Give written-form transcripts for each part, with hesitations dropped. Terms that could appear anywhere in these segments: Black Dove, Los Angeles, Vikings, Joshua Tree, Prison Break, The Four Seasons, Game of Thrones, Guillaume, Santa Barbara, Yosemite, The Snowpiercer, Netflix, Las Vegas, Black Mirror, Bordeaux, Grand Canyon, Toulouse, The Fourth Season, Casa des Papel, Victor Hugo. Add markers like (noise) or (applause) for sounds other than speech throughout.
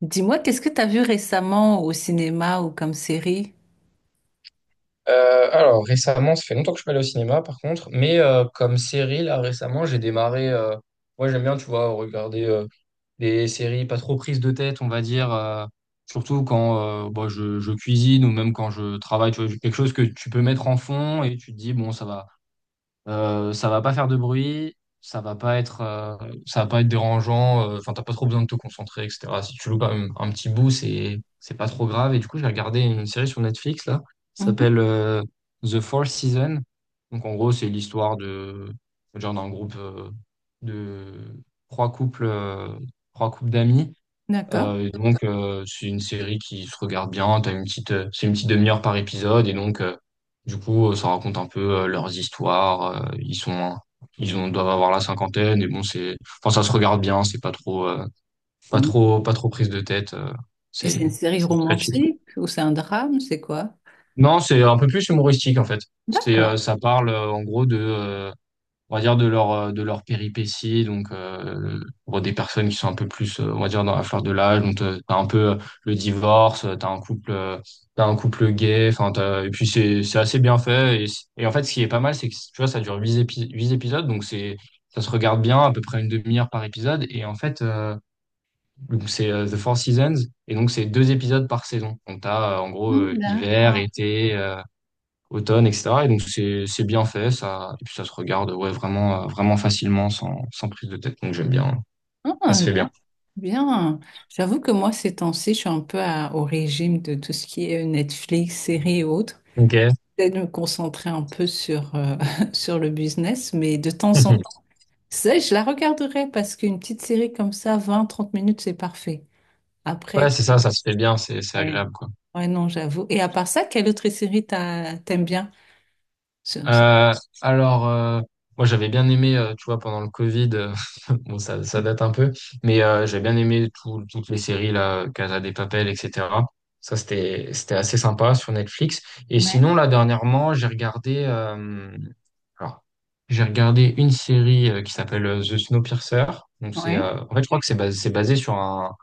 Dis-moi, qu'est-ce que tu as vu récemment au cinéma ou comme série? Alors récemment, ça fait longtemps que je suis pas allé au cinéma par contre, mais comme série là récemment, j'ai démarré. Moi j'aime bien, tu vois, regarder des séries pas trop prises de tête, on va dire. Surtout quand bah, je cuisine ou même quand je travaille, tu vois, quelque chose que tu peux mettre en fond et tu te dis bon ça va. Ça va pas faire de bruit, ça va pas être, ça va pas être dérangeant. Enfin, t'as pas trop besoin de te concentrer, etc. Si tu loupes un petit bout, c'est pas trop grave. Et du coup, j'ai regardé une série sur Netflix là, ça Mhm. s'appelle The Fourth Season. Donc en gros, c'est l'histoire de genre d'un groupe de trois couples, euh, trois couples d'amis D'accord. Et donc, c'est une série qui se regarde bien. T'as une petite, c'est une petite demi-heure par épisode. Et donc, du coup, ça raconte un peu leurs histoires. Ils sont, ils ont, doivent avoir la cinquantaine. Et bon, c'est, enfin, ça se regarde bien. C'est pas trop, pas Mhm. trop, pas trop prise de tête. Et c'est, c'est une série c'est très chill. romantique ou c'est un drame? C'est quoi? Non, c'est un peu plus humoristique en fait. C'est, D'accord. Ça parle en gros de, on va dire, de leur péripéties. Donc, pour des personnes qui sont un peu plus, on va dire, dans la fleur de l'âge. Donc, t'as un peu le divorce, t'as un couple gay. Enfin, et puis, c'est assez bien fait. Et en fait, ce qui est pas mal, c'est que, tu vois, ça dure huit épisodes. Donc, c'est, ça se regarde bien, à peu près une demi-heure par épisode. Et en fait, donc, c'est The Four Seasons. Et donc, c'est deux épisodes par saison. Donc, t'as, en gros, Mhm. hiver, D'accord. été, automne, etc. Et donc c'est bien fait, ça, et puis ça se regarde ouais, vraiment, vraiment facilement, sans, sans prise de tête. Donc j'aime bien. Ça Ah, se fait bien. bien. Bien. J'avoue que moi, ces temps-ci, je suis un peu au régime de tout ce qui est Netflix, séries et autres. Ok. J'essaie de me concentrer un peu sur, (laughs) sur le business, mais de temps en (laughs) temps, ça, je la regarderai parce qu'une petite série comme ça, vingt trente minutes, c'est parfait. Après, Ouais, tu c'est ça, ça se fait bien, c'est Ouais. agréable, quoi. Ouais, non, j'avoue. Et à part ça, quelle autre série t'aimes bien? Sur- sur- Euh, alors, moi j'avais bien aimé, tu vois, pendant le Covid, (laughs) bon ça date un peu, mais j'avais bien aimé toutes les séries là, Casa des Papel, etc. Ça c'était assez sympa sur Netflix. Et Ouais, sinon là dernièrement j'ai regardé, alors j'ai regardé une série qui s'appelle The Snowpiercer. Donc c'est, ouais. En fait je crois que c'est basé sur un,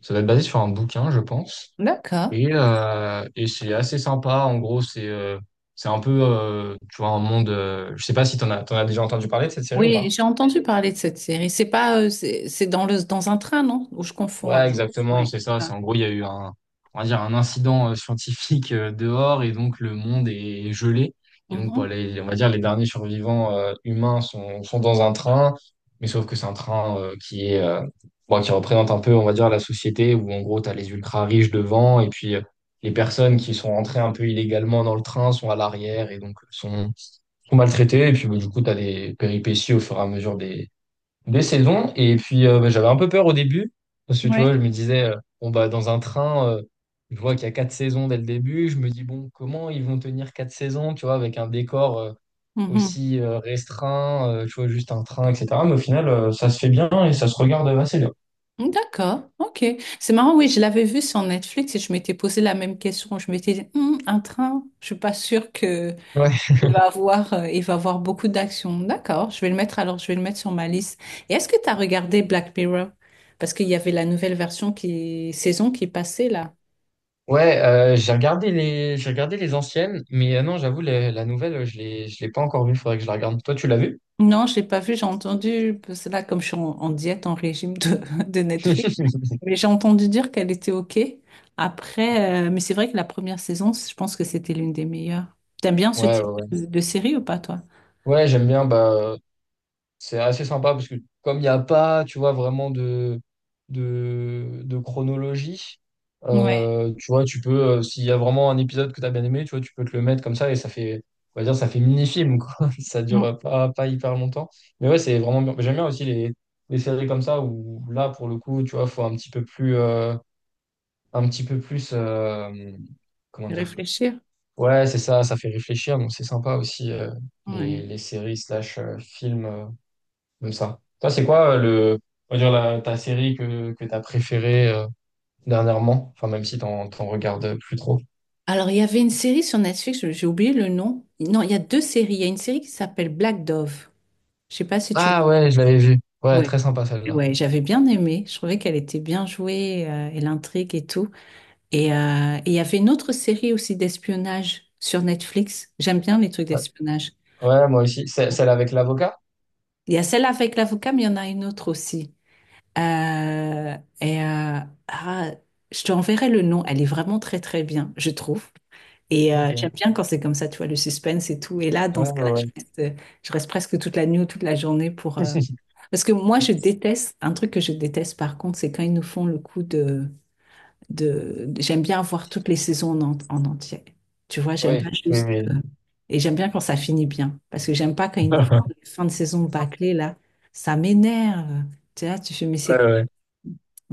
ça doit être basé sur un bouquin, je pense. D'accord. Et c'est assez sympa. En gros, c'est un peu, tu vois, un monde. Je sais pas si t'en as déjà entendu parler de cette série ou Oui, pas. j'ai entendu parler de cette série. C'est pas, c'est dans le, dans un train, non? Ou je confonds Ouais, alors. exactement, Oui. c'est ça. Ah. C'est en gros, il y a eu un, on va dire, un incident scientifique dehors et donc le monde est gelé. Et donc, bah, Mhm. On va dire, les derniers survivants humains sont, sont dans un train, mais sauf que c'est un train qui est, bon, qui représente un peu, on va dire, la société où en gros, tu as les ultra riches devant et puis les personnes qui sont rentrées un peu illégalement dans le train sont à l'arrière et donc sont, sont maltraitées. Et puis, bah, du coup, tu as des péripéties au fur et à mesure deux saisons. Et puis, bah, j'avais un peu peur au début. Parce que, tu vois, je Oui. me disais, bon, bah, dans un train, je vois qu'il y a quatre saisons dès le début. Je me dis, bon, comment ils vont tenir quatre saisons, tu vois, avec un décor Mhm. aussi restreint, tu vois, juste un train, etc. Mais au final, ça se fait bien et ça se regarde assez bien. D'accord, ok. C'est marrant, oui, je l'avais vu sur Netflix et je m'étais posé la même question. Je m'étais dit, hum, un train, je suis pas sûre que... Ouais, Il va avoir beaucoup d'actions. D'accord, je vais le mettre alors, je vais le mettre sur ma liste. Et est-ce que tu as regardé Black Mirror? Parce qu'il y avait la nouvelle version qui, saison qui passait là. ouais, j'ai regardé les anciennes, mais non, j'avoue, la nouvelle, je l'ai pas encore vue. Faudrait que je la regarde. Toi, tu l'as vue? Non, je l'ai pas vu, j'ai entendu, parce que là, comme je suis en diète, en régime de, (laughs) de Netflix, (laughs) mais j'ai entendu dire qu'elle était OK. Après, mais c'est vrai que la première saison, je pense que c'était l'une des meilleures. T'aimes bien ce Ouais, ouais, type ouais. de série ou pas, toi? Ouais, j'aime bien. Bah, c'est assez sympa parce que comme il n'y a pas, tu vois, vraiment de, de chronologie, Ouais. Tu vois, tu peux, s'il y a vraiment un épisode que tu as bien aimé, tu vois, tu peux te le mettre comme ça et ça fait, on va dire, ça fait mini-film, quoi. (laughs) Ça Mm. dure pas, pas hyper longtemps. Mais ouais, c'est vraiment bien. J'aime bien aussi les séries comme ça où là, pour le coup, tu vois, faut un petit peu plus, un petit peu plus, comment dire? Réfléchir. Ouais, c'est ça, ça fait réfléchir, donc c'est sympa aussi, Ouais. les séries slash films. Comme ça. Toi, c'est quoi le, on va dire la, ta série que t'as préférée dernièrement? Enfin, même si t'en, t'en regardes plus trop. Alors, il y avait une série sur Netflix, j'ai oublié le nom. Non, il y a deux séries. Il y a une série qui s'appelle Black Dove. Je sais pas si tu l'as. Ah ouais, je l'avais vue. Ouais, Ouais. très sympa celle-là. Ouais, j'avais bien aimé. Je trouvais qu'elle était bien jouée, et l'intrigue et tout. Et il y avait une autre série aussi d'espionnage sur Netflix. J'aime bien les trucs Ouais, d'espionnage. ouais, moi aussi. C'est- Celle avec l'avocat? Il y a celle avec l'avocat, mais il y en a une autre aussi. Et ah, je te enverrai le nom. Elle est vraiment très très bien, je trouve. Et j'aime Ok. bien quand c'est comme ça, tu vois, le suspense et tout. Et là, dans Ouais, ce ouais. cas-là, je Ouais. reste, euh, je reste presque toute la nuit ou toute la journée pour... (laughs) Parce que moi, je déteste, un truc que je déteste par contre, c'est quand ils nous font le coup de... J'aime bien voir toutes les saisons en, en entier. Tu vois, j'aime pas Oui, oui, juste... oui. Et j'aime bien quand ça finit bien. Parce que j'aime pas quand ils nous font les fins de saison bâclées, là. Ça m'énerve. Tu vois, tu fais, mais Ouais, c'est... ouais.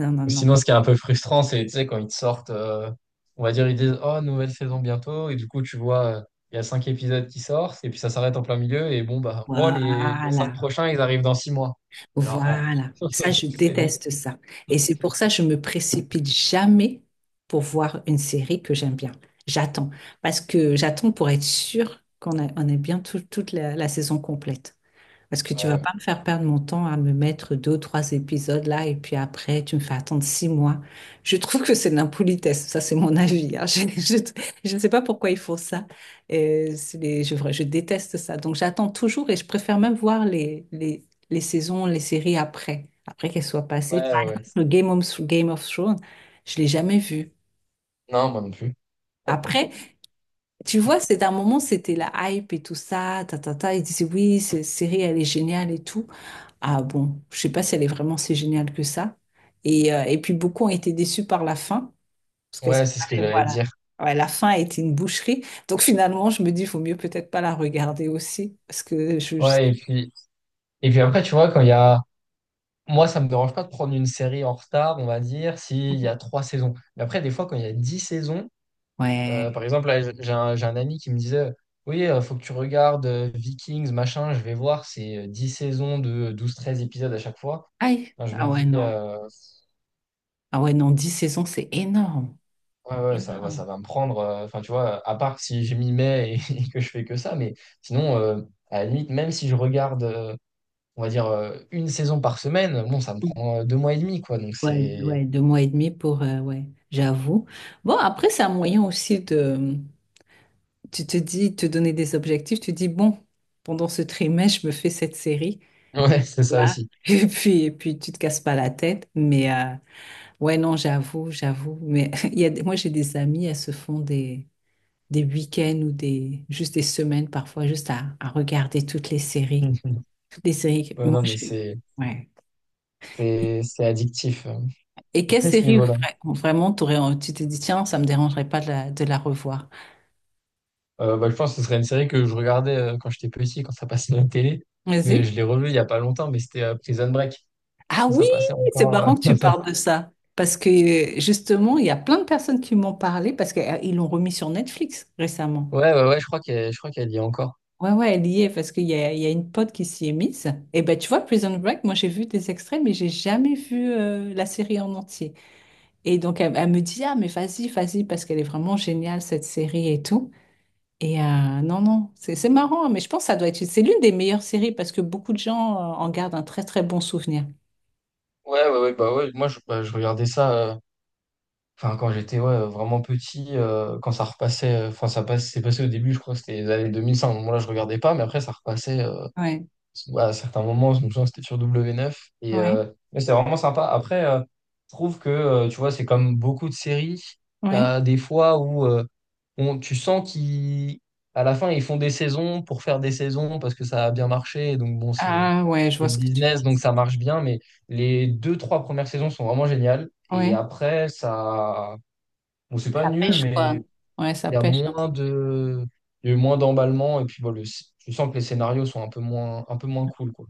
Non, non, Ou non. sinon, ce qui est un peu frustrant, c'est, tu sais, quand ils te sortent, on va dire, ils disent, oh, nouvelle saison bientôt, et du coup, tu vois, il y a cinq épisodes qui sortent, et puis ça s'arrête en plein milieu, et bon, bah, oh, les cinq Voilà. prochains, ils arrivent dans 6 mois. Et là, oh, Voilà, ça je (laughs) c'est long. déteste ça. Et c'est pour ça que je me précipite jamais pour voir une série que j'aime bien. J'attends, parce que j'attends pour être sûre qu'on a bien toute la saison complète. Parce que tu Ouais, vas ouais. pas me faire perdre mon temps à me mettre deux ou trois épisodes là et puis après tu me fais attendre 6 mois. Je trouve que c'est de l'impolitesse. Ça, c'est mon avis, hein. (laughs) Je ne sais pas pourquoi ils font ça. Je déteste ça. Donc j'attends toujours et je préfère même voir les, les saisons, les séries après qu'elles soient passées. Ouais, Par ouais, exemple, ouais. le Game of Thrones, je l'ai jamais vu. Non, moi non plus. Après, tu vois, c'est d'un moment, c'était la hype et tout ça, ta, ta, ta. Ils disaient oui, cette série, elle est géniale et tout. Ah bon, je sais pas si elle est vraiment si géniale que ça. Et puis beaucoup ont été déçus par la fin, parce qu'à ce Ouais, qui c'est ce que paraît, j'allais voilà. dire. Ouais, la fin a été une boucherie. Donc finalement, je me dis, il vaut mieux peut-être pas la regarder aussi, parce que Ouais, et puis après, tu vois, quand il y a. Moi, ça me dérange pas de prendre une série en retard, on va dire, s'il y a trois saisons. Mais après, des fois, quand il y a 10 saisons, par Ouais. exemple, là, j'ai un ami qui me disait, oui, il faut que tu regardes Vikings, machin, je vais voir, c'est 10 saisons de 12, 13 épisodes à chaque fois. Aïe. Enfin, je me Ah ouais, dis, non. Ah ouais, non, 10 saisons, c'est énorme. ouais, ouais, Énorme. ça va me prendre. Enfin, tu vois, à part si je m'y mets et, (laughs) et que je fais que ça, mais sinon, à la limite, même si je regarde, on va dire, une saison par semaine, bon, ça me prend 2 mois et demi, quoi. Donc, Ouais, c'est. ouais, deux mois et demi pour... ouais, j'avoue. Bon, après, c'est un moyen aussi de... Tu te dis, te donner des objectifs, tu dis, bon, pendant ce trimestre, je me fais cette série, (laughs) Ouais, c'est ça là. aussi. (laughs) Et puis tu te casses pas la tête. Mais ouais, non, j'avoue, j'avoue. Mais (laughs) il y a, moi, j'ai des amis, elles se font des, week-ends ou des, juste des semaines parfois, juste à regarder toutes les séries. (laughs) Toutes les séries. Ouais, Moi, non, mais je... ouais. C'est addictif Et quelle (laughs) à ce série niveau-là. vraiment t'aurais, tu t'es dit, tiens, ça me dérangerait pas de la revoir. Bah, je pense que ce serait une série que je regardais quand j'étais petit, quand ça passait à la télé. Mais Vas-y. je l'ai revue il y a pas longtemps, mais c'était Prison Break, Ah quand oui, ça passait c'est encore. Marrant que tu (laughs) parles de ça. Parce que justement, il y a plein de personnes qui m'ont parlé parce qu'ils l'ont remis sur Netflix récemment. Ouais, ouais, ouais, je crois qu'elle y est encore. Ouais, ouais, elle y est parce qu'il y a une pote qui s'y est mise. Et ben, tu vois, Prison Break, moi j'ai vu des extraits, mais j'ai jamais vu la série en entier. Et donc, elle, elle me dit, ah, mais vas-y, vas-y, parce qu'elle est vraiment géniale, cette série et tout. Et non, non, c'est marrant, hein, mais je pense que ça doit être, c'est l'une des meilleures séries parce que beaucoup de gens en gardent un très, très bon souvenir. Ouais, ouais, ouais, bah ouais, moi je, bah, je regardais ça, enfin quand j'étais ouais, vraiment petit, quand ça repassait, enfin ça passe, c'est passé au début, je crois que c'était les années 2005. Moi là je regardais pas, mais après ça repassait. Ouais, Bah, à certains moments, je me souviens que c'était sur W9. Et, ouais, mais c'est vraiment sympa. Après, je trouve que, tu vois, c'est comme beaucoup de séries. ouais. T'as des fois où tu sens qu'ils, à la fin, ils font des saisons pour faire des saisons parce que ça a bien marché. Et donc, bon, c'est Ah, ouais, je c'est vois le ce que tu veux. business, donc ça marche bien. Mais les deux, trois premières saisons sont vraiment géniales. Et Ouais. après, ça. Bon, c'est pas Ça nul, pêche, quoi. mais Ouais, ça il y a pêche, hein. moins de. Il y a eu moins d'emballement. Et puis, bon, tu sens que les scénarios sont un peu moins cool, quoi.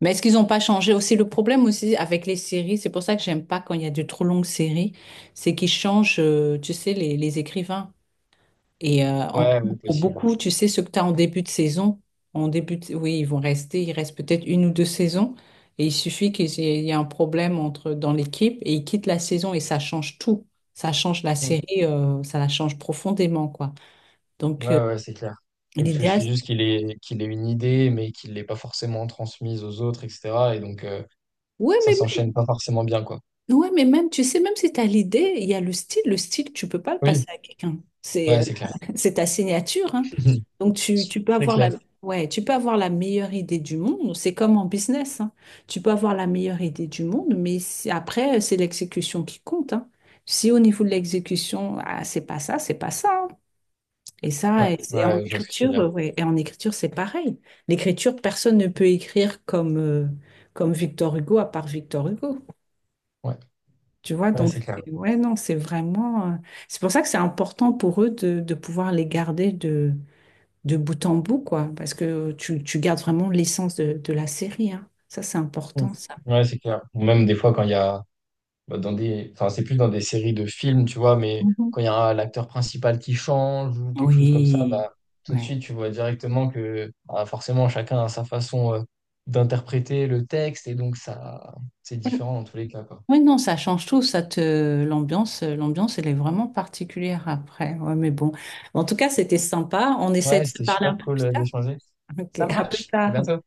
Mais est-ce qu'ils n'ont pas changé aussi le problème aussi avec les séries? C'est pour ça que j'aime pas quand il y a de trop longues séries, c'est qu'ils changent, tu sais, les écrivains. Et euh, en- Ouais, ouais, pour possible. beaucoup, tu sais, ce que tu as en début de saison, oui, ils vont rester, il reste peut-être une ou deux saisons, et il suffit qu'il y ait un problème dans l'équipe, et ils quittent la saison, et ça change tout. Ça change la Mm. série, ça la change profondément, quoi. Ouais, Donc, ouais, c'est clair. Et parce que je l'idéal, suis juste qu'il ait une idée, mais qu'il l'ait pas forcément transmise aux autres, etc. Et donc, oui. ça s'enchaîne pas forcément bien, quoi. Ouais, mais même, tu sais, même si tu as l'idée, il y a le style. Le style, tu peux pas le passer Oui, à quelqu'un. C'est ouais, c'est clair. (laughs) c'est ta signature, hein. (laughs) Donc, tu peux C'est avoir la, clair. ouais, tu peux avoir la meilleure idée du monde. C'est comme en business, hein. Tu peux avoir la meilleure idée du monde, mais après, c'est l'exécution qui compte, hein. Si au niveau de l'exécution, ah, c'est pas ça, c'est pas ça, hein. Et Ouais, ça, et, en ouais, je vois ce que tu veux écriture, dire. Ouais. Et en écriture, c'est pareil. L'écriture, personne ne peut écrire comme Victor Hugo à part Victor Hugo. Ouais, Tu vois, ouais, donc, c'est clair. Ouais, non, c'est vraiment. C'est pour ça que c'est important pour eux de, pouvoir les garder de bout en bout, quoi. Parce que tu gardes vraiment l'essence de la série, hein. Ça, c'est Mm. important, ça. Ouais, c'est clair. Ou même des fois, quand il y a bah, dans des, enfin, c'est plus dans des séries de films, tu vois, mais Mhm. quand il y a l'acteur principal qui change ou quelque chose comme ça, Oui, bah, tout de ouais. suite, tu vois directement que bah, forcément, chacun a sa façon d'interpréter le texte et donc ça, c'est différent dans tous les cas, quoi. Oui, non, ça change tout, ça te l'ambiance, elle est vraiment particulière après. Ouais, mais bon. En tout cas, c'était sympa. On essaie Ouais, de se c'était parler un super peu cool plus tard. d'échanger. Ok, Ça à plus marche. À tard. bientôt.